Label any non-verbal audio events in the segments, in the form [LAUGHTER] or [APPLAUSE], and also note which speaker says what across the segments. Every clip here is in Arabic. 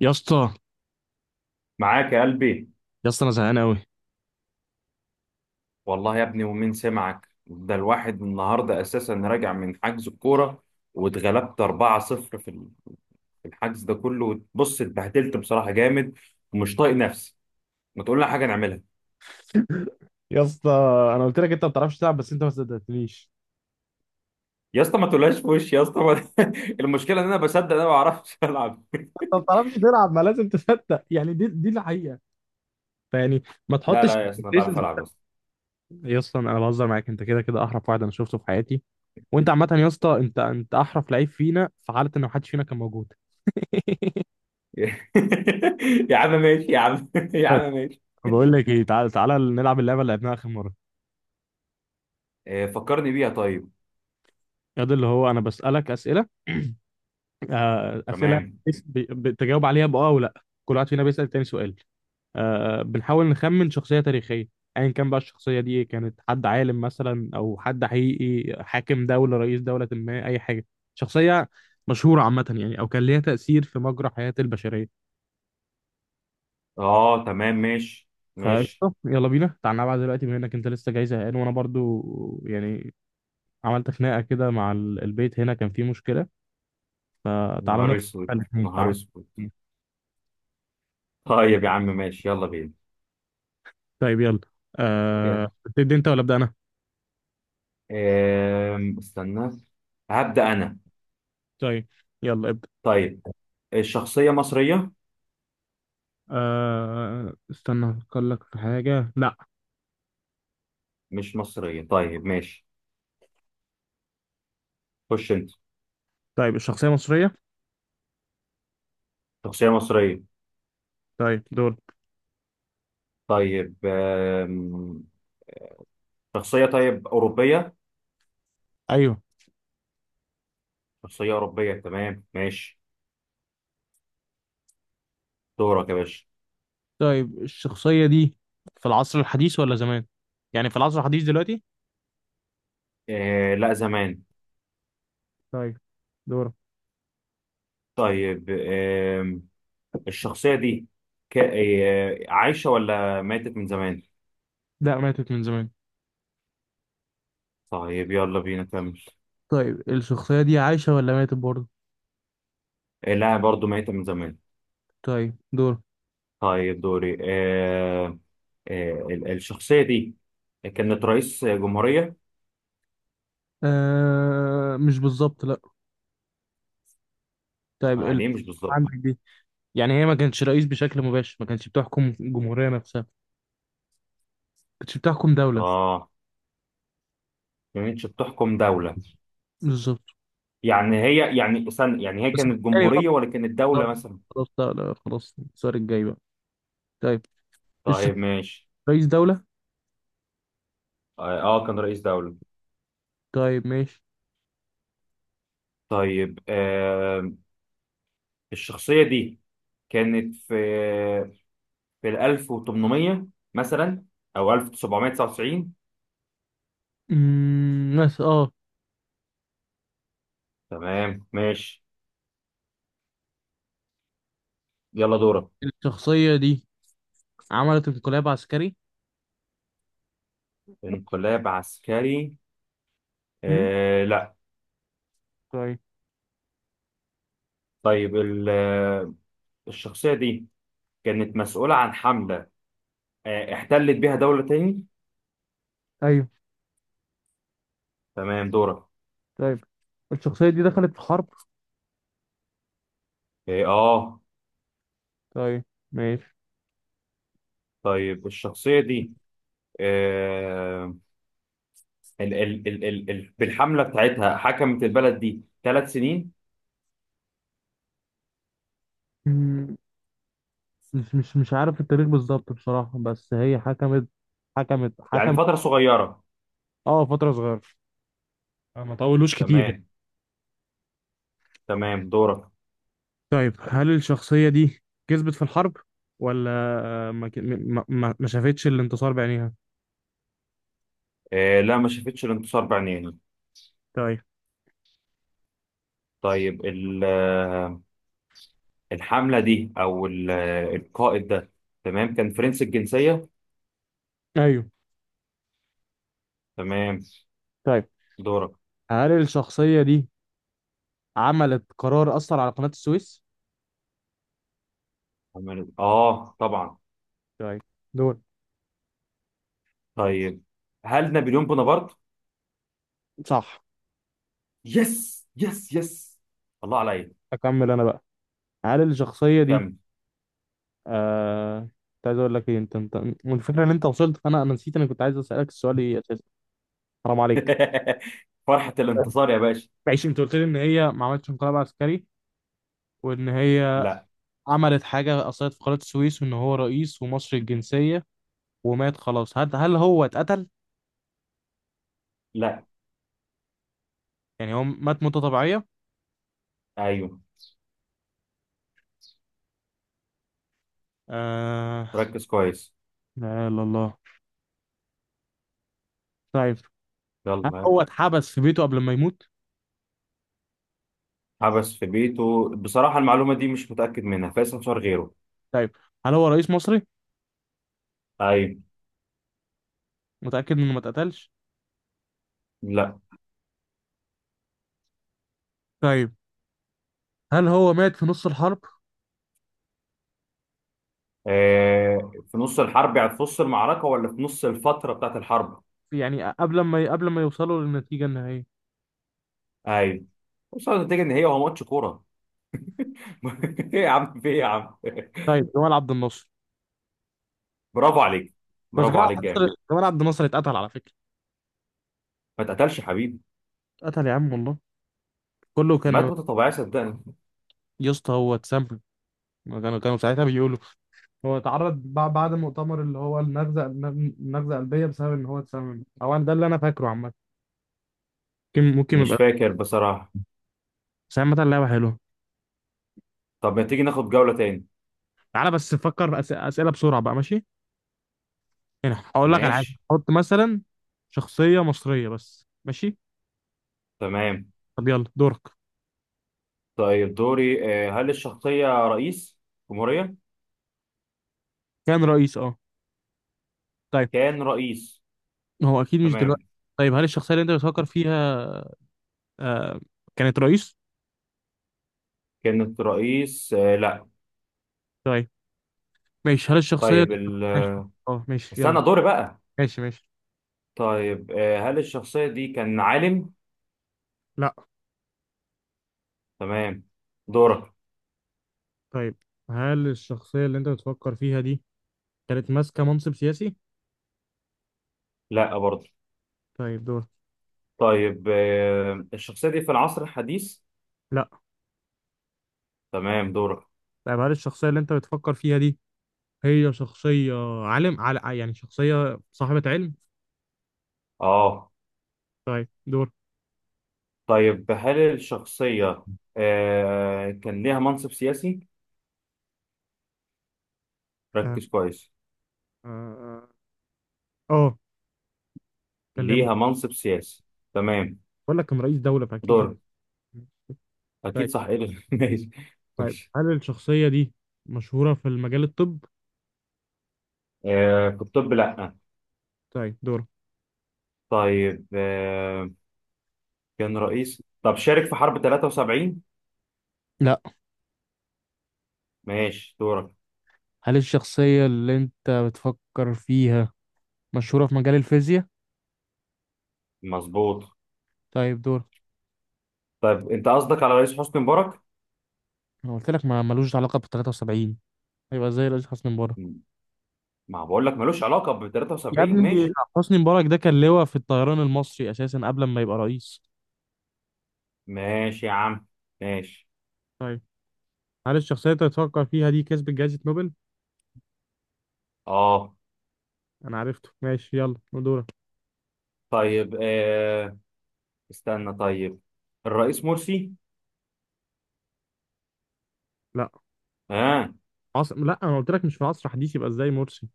Speaker 1: يا اسطى.
Speaker 2: معاك يا قلبي.
Speaker 1: يا اسطى، انا زهقان قوي.
Speaker 2: والله يا ابني، ومين سمعك؟ ده الواحد النهارده اساسا راجع من حجز الكوره واتغلبت 4-0 في الحجز ده كله. بص، اتبهدلت بصراحه جامد ومش طايق نفسي. ما تقول لنا حاجه نعملها؟
Speaker 1: يا اسطى، انا قلت لك انت ما بتعرفش تلعب بس انت ما صدقتنيش.
Speaker 2: يا اسطى ما تقولهاش في وشي، يا اسطى ما... [LAUGHS] المشكله ان انا بصدق، انا ما بعرفش العب.
Speaker 1: انت ما بتعرفش تلعب، ما لازم تصدق، يعني دي الحقيقه. فيعني ما
Speaker 2: لا
Speaker 1: تحطش
Speaker 2: لا يا اسطى، انا بعرف
Speaker 1: expectations.
Speaker 2: العب يا اسطى.
Speaker 1: يا اسطى، انا بهزر معاك، انت كده كده احرف واحد انا شفته في حياتي. وانت عامه يا اسطى، انت احرف لعيب فينا في حاله ان ما حدش فينا كان موجود. [LAUGHS]
Speaker 2: [LAUGHS] يا عم ماشي يا عم، [LAUGHS] يا
Speaker 1: طيب،
Speaker 2: عم ماشي.
Speaker 1: بقول لك ايه، تعال تعالى نلعب اللعبه اللي لعبناها اخر مره.
Speaker 2: آه، فكرني بيها طيب.
Speaker 1: يا ده اللي هو انا بسالك اسئله. اسئله.
Speaker 2: تمام.
Speaker 1: بتجاوب عليها باه او لا، كل واحد فينا بيسال تاني سؤال. بنحاول نخمن شخصية تاريخية. أيا كان بقى الشخصية دي إيه، كانت حد عالم مثلا أو حد حقيقي، حاكم دولة، رئيس دولة، ما أي حاجة. شخصية مشهورة عامة، يعني أو كان ليها تأثير في مجرى حياة البشرية.
Speaker 2: اه، تمام ماشي. ماشي.
Speaker 1: فقشطة، يلا بينا تعال نلعب دلوقتي، بما إنك أنت لسه جاي زهقان وأنا برضو يعني عملت خناقة كده مع البيت، هنا كان فيه مشكلة. فتعالى
Speaker 2: نهار
Speaker 1: نفس
Speaker 2: اسود.
Speaker 1: الاتنين،
Speaker 2: نهار
Speaker 1: تعال.
Speaker 2: اسود. طيب يا عم ماشي، يلا بينا.
Speaker 1: طيب يلا.
Speaker 2: يلا.
Speaker 1: أه... تبدأ أنت ولا أبدأ أنا؟
Speaker 2: استنى. هبدأ أنا.
Speaker 1: طيب يلا ابدأ.
Speaker 2: طيب، الشخصية مصرية؟
Speaker 1: استنى افكر لك في حاجة، لا.
Speaker 2: مش مصرية، طيب ماشي. خش أنت.
Speaker 1: طيب الشخصية مصرية.
Speaker 2: شخصية مصرية.
Speaker 1: طيب دول.
Speaker 2: طيب. أم، شخصية طيب أوروبية؟
Speaker 1: ايوه.
Speaker 2: شخصية أوروبية، تمام ماشي. دورك يا باشا.
Speaker 1: طيب الشخصية دي في العصر الحديث ولا زمان؟ يعني في العصر الحديث دلوقتي.
Speaker 2: أه، لا زمان.
Speaker 1: طيب دور.
Speaker 2: طيب. الشخصية دي ك... أه، عايشة ولا ماتت من زمان؟
Speaker 1: لا، ماتت من زمان.
Speaker 2: طيب يلا بينا كمل.
Speaker 1: طيب الشخصية دي عايشة ولا ماتت برضه؟
Speaker 2: أه، لا برضو ماتت من زمان.
Speaker 1: طيب دور.
Speaker 2: طيب دوري. الشخصية دي كانت رئيس جمهورية.
Speaker 1: أه، مش بالظبط، لا. طيب ال...
Speaker 2: يعني إيه مش
Speaker 1: عندك
Speaker 2: بالظبط؟
Speaker 1: دي، يعني هي ما كانتش رئيس بشكل مباشر، ما كانتش بتحكم الجمهورية نفسها، ما كانتش بتحكم دولة.
Speaker 2: اه، ما كانتش بتحكم دولة.
Speaker 1: بالظبط.
Speaker 2: يعني هي، يعني استنى، يعني هي
Speaker 1: بس
Speaker 2: كانت
Speaker 1: يعني
Speaker 2: جمهورية ولا كانت دولة مثلا؟
Speaker 1: خلاص، لا لا، خلاص السؤال الجاي بقى. طيب الش-
Speaker 2: طيب ماشي.
Speaker 1: رئيس دولة.
Speaker 2: اه آه، كان رئيس دولة.
Speaker 1: طيب ماشي.
Speaker 2: طيب، الشخصية دي كانت في ال 1800 مثلا، او 1799.
Speaker 1: بس اه.
Speaker 2: تمام ماشي، يلا دورك.
Speaker 1: الشخصية دي عملت انقلاب عسكري.
Speaker 2: انقلاب عسكري؟
Speaker 1: أمم،
Speaker 2: آه لا.
Speaker 1: طيب.
Speaker 2: طيب، الشخصية دي كانت مسؤولة عن حملة احتلت بيها دولة تاني.
Speaker 1: ايوه.
Speaker 2: تمام دورك.
Speaker 1: طيب الشخصية دي دخلت في حرب.
Speaker 2: اه آه.
Speaker 1: طيب ماشي.
Speaker 2: طيب الشخصية دي، آه ال ال ال ال ال بالحملة بتاعتها حكمت البلد دي ثلاث سنين.
Speaker 1: أمم، مش عارف التاريخ بالظبط بصراحة، بس هي حكمت. حكمت
Speaker 2: يعني
Speaker 1: حكمت
Speaker 2: فترة صغيرة.
Speaker 1: اه، فترة صغيرة، ما طولوش كتير يعني.
Speaker 2: تمام. تمام دورك.
Speaker 1: طيب هل الشخصية دي كسبت في الحرب، ولا ما ك- ما ما ما شافتش الانتصار بعينيها؟
Speaker 2: آه لا، ما شافتش الانتصار بعينيها.
Speaker 1: طيب.
Speaker 2: طيب الحملة دي، أو القائد ده، تمام، كان فرنسي الجنسية.
Speaker 1: ايوه.
Speaker 2: تمام
Speaker 1: طيب
Speaker 2: دورك.
Speaker 1: هل الشخصية دي عملت قرار أثر على قناة السويس؟
Speaker 2: اه طبعا.
Speaker 1: طيب دول.
Speaker 2: طيب، هل نابليون بونابرت؟
Speaker 1: صح.
Speaker 2: يس يس يس! الله عليا.
Speaker 1: أكمل أنا بقى. هل الشخصية دي
Speaker 2: كمل.
Speaker 1: آه كنت عايز أقول لك إيه، أنت الفكرة إن أنت وصلت فأنا نسيت أنا كنت عايز أسألك السؤال إيه أساسا. حرام عليك.
Speaker 2: [LAUGHS] فرحة الانتصار يا باشا.
Speaker 1: ماشي، أنت قلت لي إن هي ما عملتش انقلاب عسكري، وإن هي
Speaker 2: لا.
Speaker 1: عملت حاجة أثرت في قناة السويس، وإن هو رئيس ومصري الجنسية، ومات خلاص. هل هو اتقتل؟
Speaker 2: لا.
Speaker 1: يعني هو مات موتة طبيعية؟
Speaker 2: ايوه.
Speaker 1: آه.
Speaker 2: ركز كويس.
Speaker 1: لا إله إلا الله. طيب هل
Speaker 2: يلا.
Speaker 1: هو اتحبس في بيته قبل ما يموت؟
Speaker 2: حبس في بيته، بصراحة المعلومة دي مش متأكد منها، فايز انتصار غيره.
Speaker 1: طيب هل هو رئيس مصري؟
Speaker 2: ايوه.
Speaker 1: متأكد انه ما اتقتلش.
Speaker 2: لا.
Speaker 1: طيب هل هو مات في نص الحرب؟
Speaker 2: آه، في نص الحرب يعني في نص المعركة، ولا في نص الفترة بتاعت الحرب؟
Speaker 1: يعني قبل ما يوصلوا للنتيجة النهائية.
Speaker 2: ايوه. وصلت النتيجة ان هي هو ماتش كورة. [LAUGHS] ايه يا عم، في ايه يا عم؟
Speaker 1: طيب جمال عبد الناصر.
Speaker 2: [LAUGHS] برافو عليك!
Speaker 1: بس
Speaker 2: برافو
Speaker 1: جمال عبد
Speaker 2: عليك جامد!
Speaker 1: الناصر، اتقتل على فكرة.
Speaker 2: ما اتقتلش يا حبيبي.
Speaker 1: اتقتل يا عم والله. كله
Speaker 2: مات
Speaker 1: كانوا.
Speaker 2: موتة طبيعية صدقني.
Speaker 1: يا اسطى، هو اتسم. كانوا ساعتها بيقولوا هو اتعرض بعد المؤتمر، اللي هو النغزة قلبية، بسبب ان هو اتسمم او ده اللي انا فاكره عامة. ممكن
Speaker 2: مش
Speaker 1: يبقى.
Speaker 2: فاكر بصراحة.
Speaker 1: بس عامة اللعبة حلوة.
Speaker 2: طب ما تيجي ناخد جولة تاني؟
Speaker 1: تعالى بس فكر أسئلة بسرعة بقى ماشي. يعني هقول لك على حاجة،
Speaker 2: ماشي.
Speaker 1: حط مثلا شخصية مصرية بس، ماشي.
Speaker 2: تمام.
Speaker 1: طب يلا دورك.
Speaker 2: طيب دوري. هل الشخصية رئيس جمهورية؟
Speaker 1: كان رئيس، اه. طيب
Speaker 2: كان رئيس.
Speaker 1: هو اكيد مش
Speaker 2: تمام.
Speaker 1: دلوقتي. طيب هل الشخصيه اللي انت بتفكر فيها آه كانت رئيس؟
Speaker 2: كانت رئيس لا.
Speaker 1: طيب ماشي. هل الشخصيه
Speaker 2: طيب
Speaker 1: اللي... ماشي. اه ماشي يلا.
Speaker 2: استنى دوري بقى.
Speaker 1: ماشي ماشي.
Speaker 2: طيب، هل الشخصية دي كان عالم؟
Speaker 1: لا.
Speaker 2: تمام دورك.
Speaker 1: طيب هل الشخصيه اللي انت بتفكر فيها دي كانت ماسكه منصب سياسي؟
Speaker 2: لا برضه.
Speaker 1: طيب دور.
Speaker 2: طيب، الشخصية دي في العصر الحديث؟
Speaker 1: لا.
Speaker 2: تمام دورك.
Speaker 1: طيب هل الشخصيه اللي انت بتفكر فيها دي، هي شخصيه عالم، على يعني شخصيه صاحبه علم.
Speaker 2: اه.
Speaker 1: طيب دور.
Speaker 2: طيب، هل الشخصية كان ليها منصب سياسي؟
Speaker 1: اه.
Speaker 2: ركز كويس.
Speaker 1: اه آه. آه، كلمه.
Speaker 2: ليها منصب سياسي، تمام.
Speaker 1: بقول لك كان رئيس دوله، فاكيد هو.
Speaker 2: دور. اكيد
Speaker 1: طيب.
Speaker 2: صح، ايه ده؟ [LAUGHS] ماشي.
Speaker 1: طيب
Speaker 2: ماشي.
Speaker 1: هل الشخصية دي مشهورة في المجال الطب؟
Speaker 2: آه، في الطب لا.
Speaker 1: طيب دور.
Speaker 2: طيب، كان رئيس. طب شارك في حرب 73؟
Speaker 1: لا.
Speaker 2: ماشي دورك.
Speaker 1: هل الشخصية اللي انت بتفكر فيها مشهورة في مجال الفيزياء؟
Speaker 2: مظبوط.
Speaker 1: طيب دور.
Speaker 2: طيب، انت قصدك على رئيس حسني مبارك؟
Speaker 1: انا قلت لك ما ملوش علاقة بال 73، هيبقى زي رئيس حسني مبارك.
Speaker 2: م- ما بقول لك ملوش علاقة ب
Speaker 1: يا
Speaker 2: 73.
Speaker 1: ابني،
Speaker 2: ماشي.
Speaker 1: حسني مبارك ده كان لواء في الطيران المصري اساسا قبل ما يبقى رئيس.
Speaker 2: ماشي يا عم. ماشي.
Speaker 1: طيب هل الشخصية اللي تفكر فيها دي كسبت جائزة نوبل؟
Speaker 2: اه.
Speaker 1: أنا عرفته، ماشي يلا دورك.
Speaker 2: طيب استنى. طيب، الرئيس مرسي؟
Speaker 1: لا
Speaker 2: اه.
Speaker 1: عصر، لا، أنا قلت لك مش في عصر حديث، يبقى إزاي مرسي.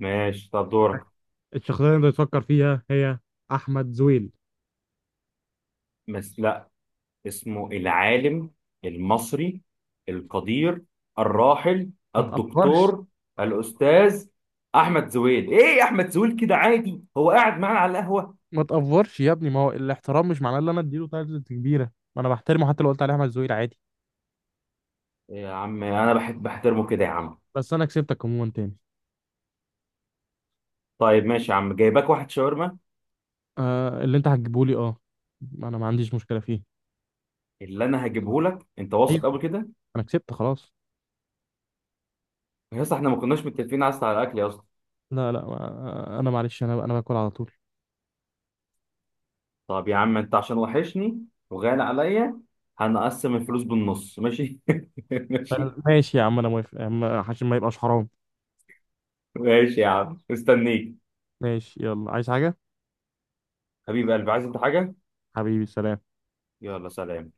Speaker 2: ماشي. طب دورك.
Speaker 1: الشخصية اللي أنت تفكر فيها هي أحمد زويل.
Speaker 2: بس اسمه العالم المصري القدير الراحل
Speaker 1: ما تأفورش.
Speaker 2: الدكتور الأستاذ أحمد زويل. إيه يا أحمد زويل كده عادي، هو قاعد معانا على القهوة؟
Speaker 1: ما تقفرش يا ابني، ما هو الاحترام مش معناه ان انا اديله تايتلز كبيره، ما انا بحترمه حتى لو قلت عليه احمد زويل عادي.
Speaker 2: إيه يا عم، أنا بحب بحترمه كده يا عم.
Speaker 1: بس انا كسبتك عموما تاني.
Speaker 2: طيب ماشي يا عم، جايباك واحد شاورما.
Speaker 1: آه، اللي انت هتجيبه لي، اه انا ما عنديش مشكله فيه.
Speaker 2: اللي أنا هجيبه لك، أنت واثق
Speaker 1: ايوه،
Speaker 2: قبل كده؟
Speaker 1: انا كسبت خلاص.
Speaker 2: يا اسطى إحنا ما كناش متفقين أصلا على الأكل يا اسطى.
Speaker 1: لا لا انا معلش، انا باكل على طول.
Speaker 2: طب يا عم أنت عشان وحشني وغالي عليا، هنقسم الفلوس بالنص ماشي؟ [LAUGHS] ماشي.
Speaker 1: طيب، ماشي يا عم، انا موافق يا عم، عشان ما يبقاش حرام.
Speaker 2: ماشي يا عم مستنيك.
Speaker 1: ماشي يلا، عايز حاجه؟
Speaker 2: حبيب قلبي، عايز انت حاجة؟
Speaker 1: حبيبي سلام.
Speaker 2: يلا سلام.